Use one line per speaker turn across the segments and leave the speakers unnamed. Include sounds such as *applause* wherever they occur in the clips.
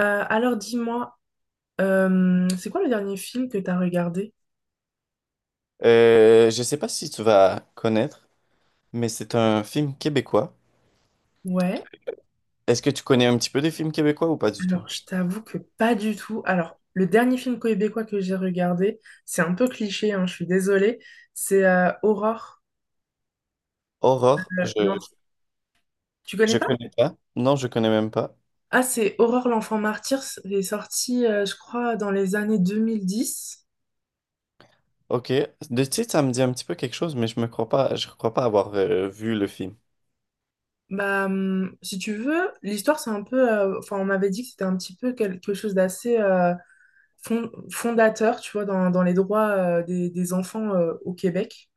Alors dis-moi, c'est quoi le dernier film que t'as regardé?
Je sais pas si tu vas connaître, mais c'est un film québécois.
Ouais,
Est-ce que tu connais un petit peu des films québécois ou pas du tout?
alors je t'avoue que pas du tout. Alors, le dernier film québécois que j'ai regardé, c'est un peu cliché, hein, je suis désolée, c'est Aurore.
Aurore,
le-
je,
l'enf- Tu connais
je
pas?
connais pas. Non, je connais même pas.
Ah, c'est Aurore l'enfant martyr, c'est sorti, je crois, dans les années 2010.
Ok. De titre, ça me dit un petit peu quelque chose, mais je crois pas avoir vu le film.
Bah, si tu veux, l'histoire, c'est un peu... Enfin, on m'avait dit que c'était un petit peu quelque chose d'assez... fondateur, tu vois, dans les droits des enfants au Québec.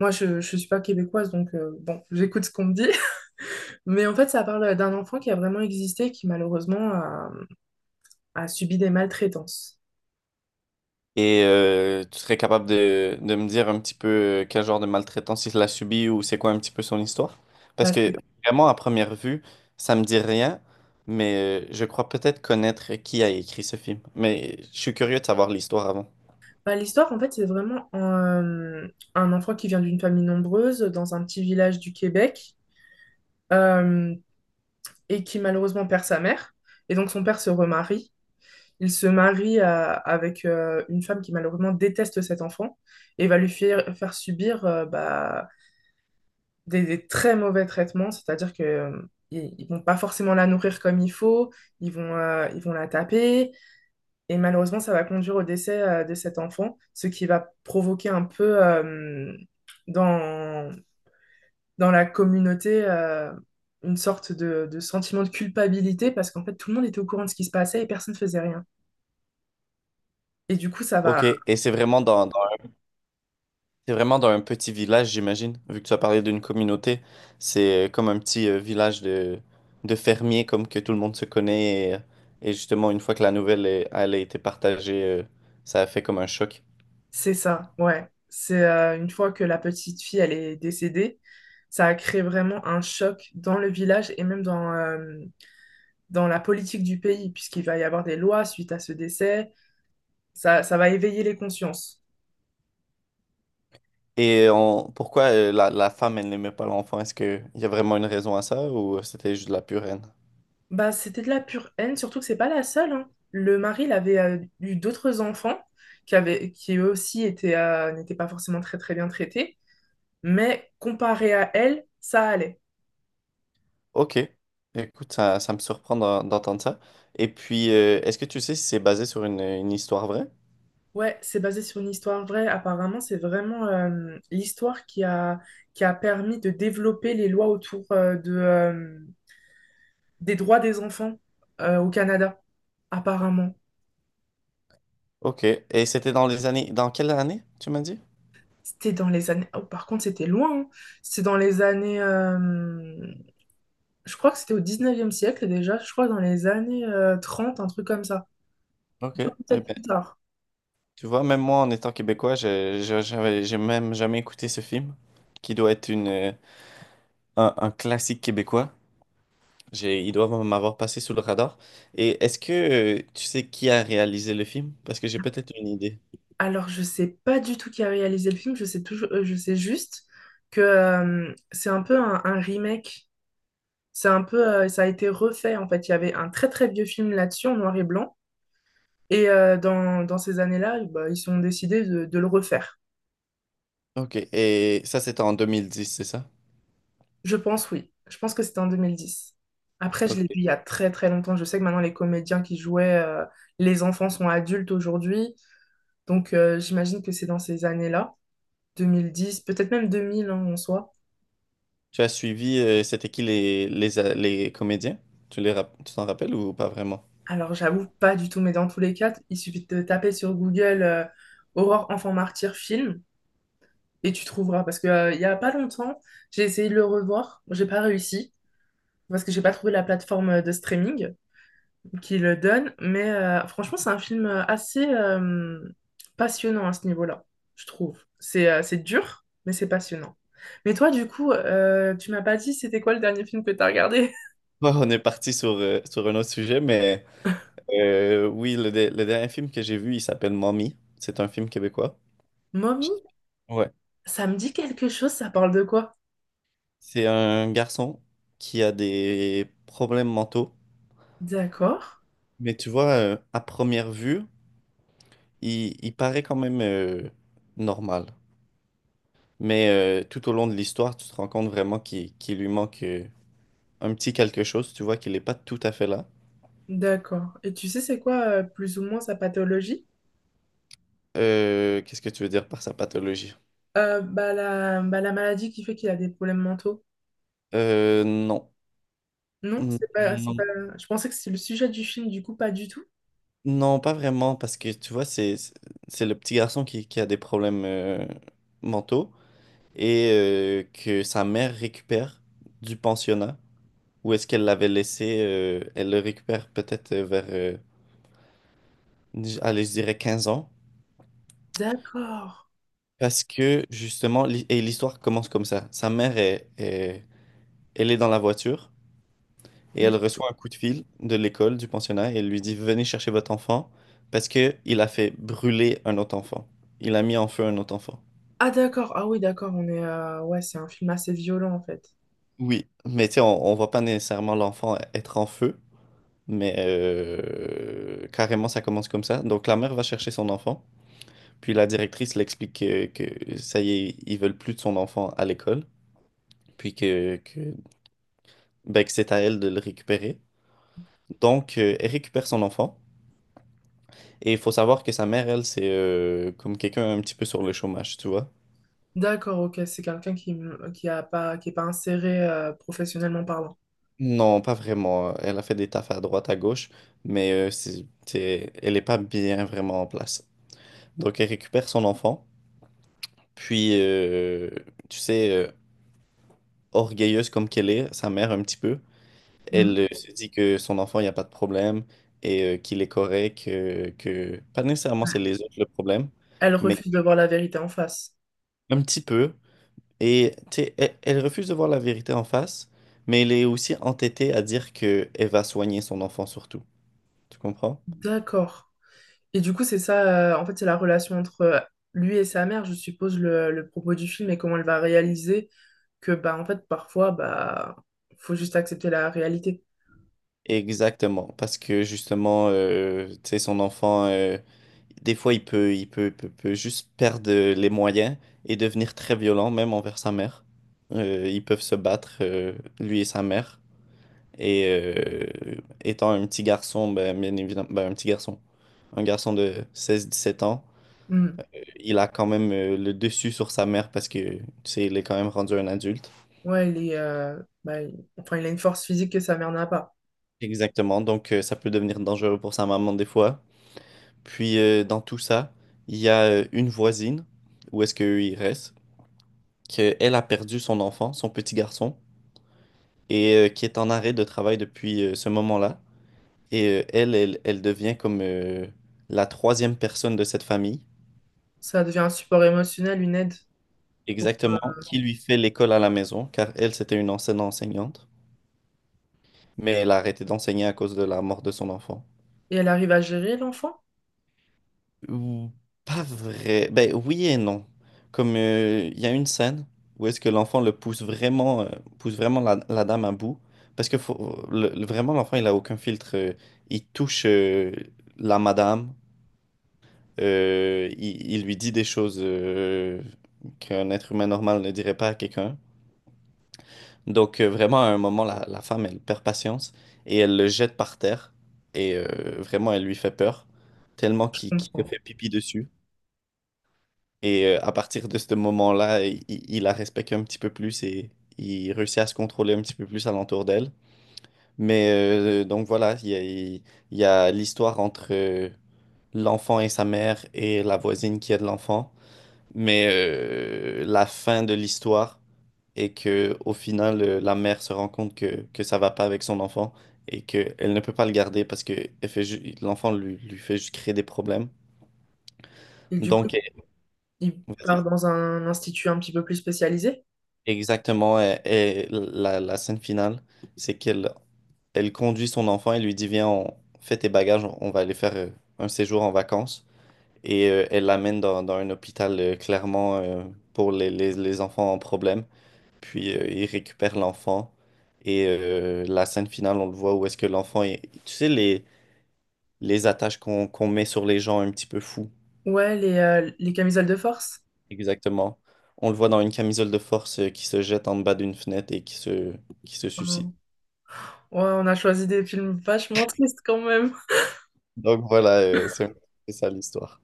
Moi, je ne suis pas québécoise, donc bon, *laughs* j'écoute ce qu'on me dit. *laughs* Mais en fait, ça parle d'un enfant qui a vraiment existé, qui malheureusement a subi des maltraitances.
Et tu serais capable de me dire un petit peu quel genre de maltraitance il a subi ou c'est quoi un petit peu son histoire?
Bah,
Parce que
c'est-
vraiment, à première vue, ça me dit rien, mais je crois peut-être connaître qui a écrit ce film. Mais je suis curieux de savoir l'histoire avant.
Bah, l'histoire, en fait, c'est vraiment un enfant qui vient d'une famille nombreuse, dans un petit village du Québec, euh, et qui malheureusement perd sa mère. Et donc, son père se remarie. Il se marie avec une femme qui malheureusement déteste cet enfant et va lui faire subir bah, des très mauvais traitements, c'est-à-dire que ils vont pas forcément la nourrir comme il faut, ils vont la taper et malheureusement ça va conduire au décès de cet enfant, ce qui va provoquer un peu dans, dans la communauté une sorte de sentiment de culpabilité parce qu'en fait tout le monde était au courant de ce qui se passait et personne ne faisait rien. Et du coup, ça va,
Ok, et c'est vraiment dans un petit village, j'imagine. Vu que tu as parlé d'une communauté, c'est comme un petit village de fermiers, comme que tout le monde se connaît. Et justement, une fois que elle a été partagée, ça a fait comme un choc.
c'est ça, ouais. C'est une fois que la petite fille, elle est décédée, ça a créé vraiment un choc dans le village et même dans, dans la politique du pays, puisqu'il va y avoir des lois suite à ce décès. Ça va éveiller les consciences.
Et pourquoi la femme, elle n'aimait pas l'enfant? Est-ce qu'il y a vraiment une raison à ça ou c'était juste de la pure haine?
Bah, c'était de la pure haine, surtout que c'est pas la seule, hein. Le mari, il avait eu d'autres enfants qui avaient, qui eux aussi étaient, n'étaient pas forcément très très bien traités, mais comparé à elle, ça allait.
Ok. Écoute, ça me surprend d'entendre ça. Et puis, est-ce que tu sais si c'est basé sur une histoire vraie?
Ouais, c'est basé sur une histoire vraie. Apparemment, c'est vraiment l'histoire qui a permis de développer les lois autour des droits des enfants au Canada. Apparemment.
Ok. Et c'était dans les années. Dans quelle année, tu m'as dit?
C'était dans les années... Oh, par contre, c'était loin, hein. C'était dans les années... je crois que c'était au 19e siècle déjà. Je crois dans les années 30, un truc comme ça.
Ok. Eh
Peut-être
ben,
plus tard.
tu vois, même moi, en étant québécois, j'ai même jamais écouté ce film, qui doit être un classique québécois. Ils doivent m'avoir passé sous le radar. Et est-ce que tu sais qui a réalisé le film? Parce que j'ai peut-être une idée.
Alors, je sais pas du tout qui a réalisé le film. Je sais toujours... je sais juste que c'est un peu un remake. C'est un peu, ça a été refait en fait. Il y avait un très très vieux film là-dessus en noir et blanc. Et dans, dans ces années-là, eh ben, ils ont décidé de le refaire.
Ok, et ça c'était en 2010, c'est ça?
Je pense, oui. Je pense que c'était en 2010. Après, je l'ai
Ok.
vu il y a très très longtemps. Je sais que maintenant, les comédiens qui jouaient, les enfants sont adultes aujourd'hui. Donc, j'imagine que c'est dans ces années-là, 2010, peut-être même 2000, hein, en soi.
Tu as suivi, c'était qui les comédiens? Tu t'en rappelles ou pas vraiment? *laughs*
Alors, j'avoue pas du tout, mais dans tous les cas, il suffit de taper sur Google Aurore enfant martyr film, et tu trouveras. Parce que, il y a pas longtemps, j'ai essayé de le revoir. Bon, j'ai pas réussi parce que j'ai pas trouvé la plateforme de streaming qui le donne. Mais franchement, c'est un film assez passionnant à ce niveau-là, je trouve. C'est dur, mais c'est passionnant. Mais toi, du coup, tu m'as pas dit c'était quoi le dernier film que t'as regardé?
Bon, on est parti sur un autre sujet, mais oui, le dernier film que j'ai vu, il s'appelle Mommy. C'est un film québécois.
*laughs* Mommy,
Ouais.
ça me dit quelque chose, ça parle de quoi?
C'est un garçon qui a des problèmes mentaux.
D'accord,
Mais tu vois, à première vue, il paraît quand même normal. Mais tout au long de l'histoire, tu te rends compte vraiment qu'il lui manque un petit quelque chose. Tu vois qu'il n'est pas tout à fait là.
d'accord. Et tu sais, c'est quoi plus ou moins sa pathologie?
Qu'est-ce que tu veux dire par sa pathologie?
La maladie qui fait qu'il a des problèmes mentaux.
Non.
Non,
Mm,
c'est
non,
pas... Je pensais que c'était le sujet du film, du coup, pas du tout.
non, pas vraiment, parce que tu vois, c'est le petit garçon qui a des problèmes mentaux et que sa mère récupère du pensionnat. Où est-ce qu'elle l'avait laissé? Elle le récupère peut-être vers, allez, je dirais 15 ans.
D'accord.
Parce que justement, et l'histoire commence comme ça. Sa mère elle est dans la voiture et
Hmm.
elle reçoit un coup de fil de l'école, du pensionnat, et elle lui dit, venez chercher votre enfant parce que il a fait brûler un autre enfant. Il a mis en feu un autre enfant.
Ah, d'accord. Ah oui, d'accord, on est... ouais, c'est un film assez violent, en fait.
Oui, mais tu sais, on voit pas nécessairement l'enfant être en feu, mais carrément ça commence comme ça. Donc la mère va chercher son enfant, puis la directrice l'explique que ça y est, ils veulent plus de son enfant à l'école, puis ben, que c'est à elle de le récupérer. Donc, elle récupère son enfant. Et il faut savoir que sa mère, elle, c'est comme quelqu'un un petit peu sur le chômage, tu vois.
D'accord, ok, c'est quelqu'un qui, mmh, qui est pas inséré professionnellement parlant.
Non, pas vraiment. Elle a fait des tafs à droite, à gauche, mais elle n'est pas bien vraiment en place. Donc, elle récupère son enfant. Puis, tu sais, orgueilleuse comme qu'elle est, sa mère un petit peu,
Hmm.
elle se dit que son enfant, il n'y a pas de problème et qu'il est correct, que pas nécessairement c'est les autres le problème,
Elle
mais
refuse de voir la vérité en face.
un petit peu. Et tu sais, elle refuse de voir la vérité en face, mais elle est aussi entêtée à dire que elle va soigner son enfant surtout. Tu comprends?
D'accord. Et du coup, c'est ça, en fait, c'est la relation entre lui et sa mère, je suppose, le propos du film et comment elle va réaliser que bah en fait parfois bah faut juste accepter la réalité.
Exactement, parce que justement, tu sais, son enfant, des fois, il peut juste perdre les moyens et devenir très violent, même envers sa mère. Ils peuvent se battre, lui et sa mère. Et étant un petit garçon, ben, bien évidemment, ben, un garçon de 16-17 ans,
Mm.
il a quand même le dessus sur sa mère parce que, tu sais, il est quand même rendu un adulte.
Ouais, il est enfin il a une force physique que sa mère n'a pas.
Exactement, donc ça peut devenir dangereux pour sa maman des fois. Puis dans tout ça, il y a une voisine, où est-ce qu'il reste, qu'elle a perdu son enfant, son petit garçon, et qui est en arrêt de travail depuis ce moment-là. Et elle devient comme la troisième personne de cette famille,
Ça devient un support émotionnel, une aide.
exactement, qui lui fait l'école à la maison, car elle, c'était une ancienne enseignante, mais elle a arrêté d'enseigner à cause de la mort de son enfant.
Et elle arrive à gérer l'enfant?
Ou- Pas vrai. Ben oui et non. Comme il y a une scène où est-ce que l'enfant le pousse vraiment la dame à bout. Parce que vraiment, l'enfant, il a aucun filtre. Il touche la madame. Il lui dit des choses qu'un être humain normal ne dirait pas à quelqu'un. Donc vraiment, à un moment, la femme, elle perd patience et elle le jette par terre. Et vraiment, elle lui fait peur. Tellement
Je
qu'il se
comprends.
fait pipi dessus. Et à partir de ce moment-là, il la respecte un petit peu plus et il réussit à se contrôler un petit peu plus alentour d'elle. Mais donc voilà, il y a l'histoire entre l'enfant et sa mère et la voisine qui aide l'enfant. Mais la fin de l'histoire est que au final, la mère se rend compte que ça va pas avec son enfant et qu'elle ne peut pas le garder parce que l'enfant lui fait juste créer des problèmes.
Et du coup,
Donc,
il part
vas-y.
dans un institut un petit peu plus spécialisé.
Exactement. Et la scène finale, c'est qu'elle elle conduit son enfant et lui dit, viens, on fait tes bagages, on va aller faire un séjour en vacances. Et elle l'amène dans un hôpital clairement pour les enfants en problème. Puis il récupère l'enfant. Et la scène finale, on le voit où est-ce que l'enfant est. Tu sais, les attaches qu'on met sur les gens un petit peu fous.
Ouais, les camisoles de force.
Exactement. On le voit dans une camisole de force qui se jette en bas d'une fenêtre et qui se suicide.
Euh, Ouais, on a choisi des films vachement tristes quand même.
Donc voilà, c'est un peu ça l'histoire.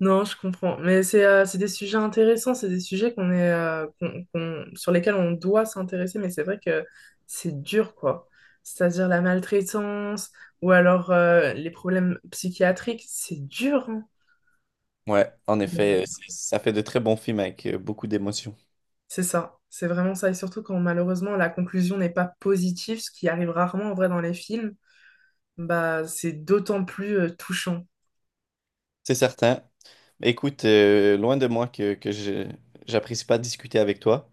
Non, je comprends. Mais c'est des sujets intéressants, c'est des sujets qu'on est, qu'on- qu'on- sur lesquels on doit s'intéresser, mais c'est vrai que c'est dur, quoi. C'est-à-dire la maltraitance ou alors les problèmes psychiatriques, c'est dur, hein.
Ouais, en
Mais
effet, ça fait de très bons films avec beaucoup d'émotions.
c'est ça, c'est vraiment ça. Et surtout quand malheureusement la conclusion n'est pas positive, ce qui arrive rarement en vrai dans les films, bah c'est d'autant plus touchant.
C'est certain. Écoute, loin de moi que je j'apprécie pas discuter avec toi,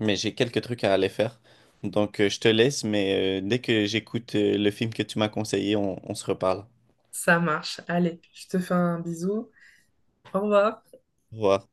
mais j'ai quelques trucs à aller faire. Donc je te laisse, mais dès que j'écoute le film que tu m'as conseillé, on se reparle.
Ça marche. Allez, je te fais un bisou. Au revoir.
Au revoir.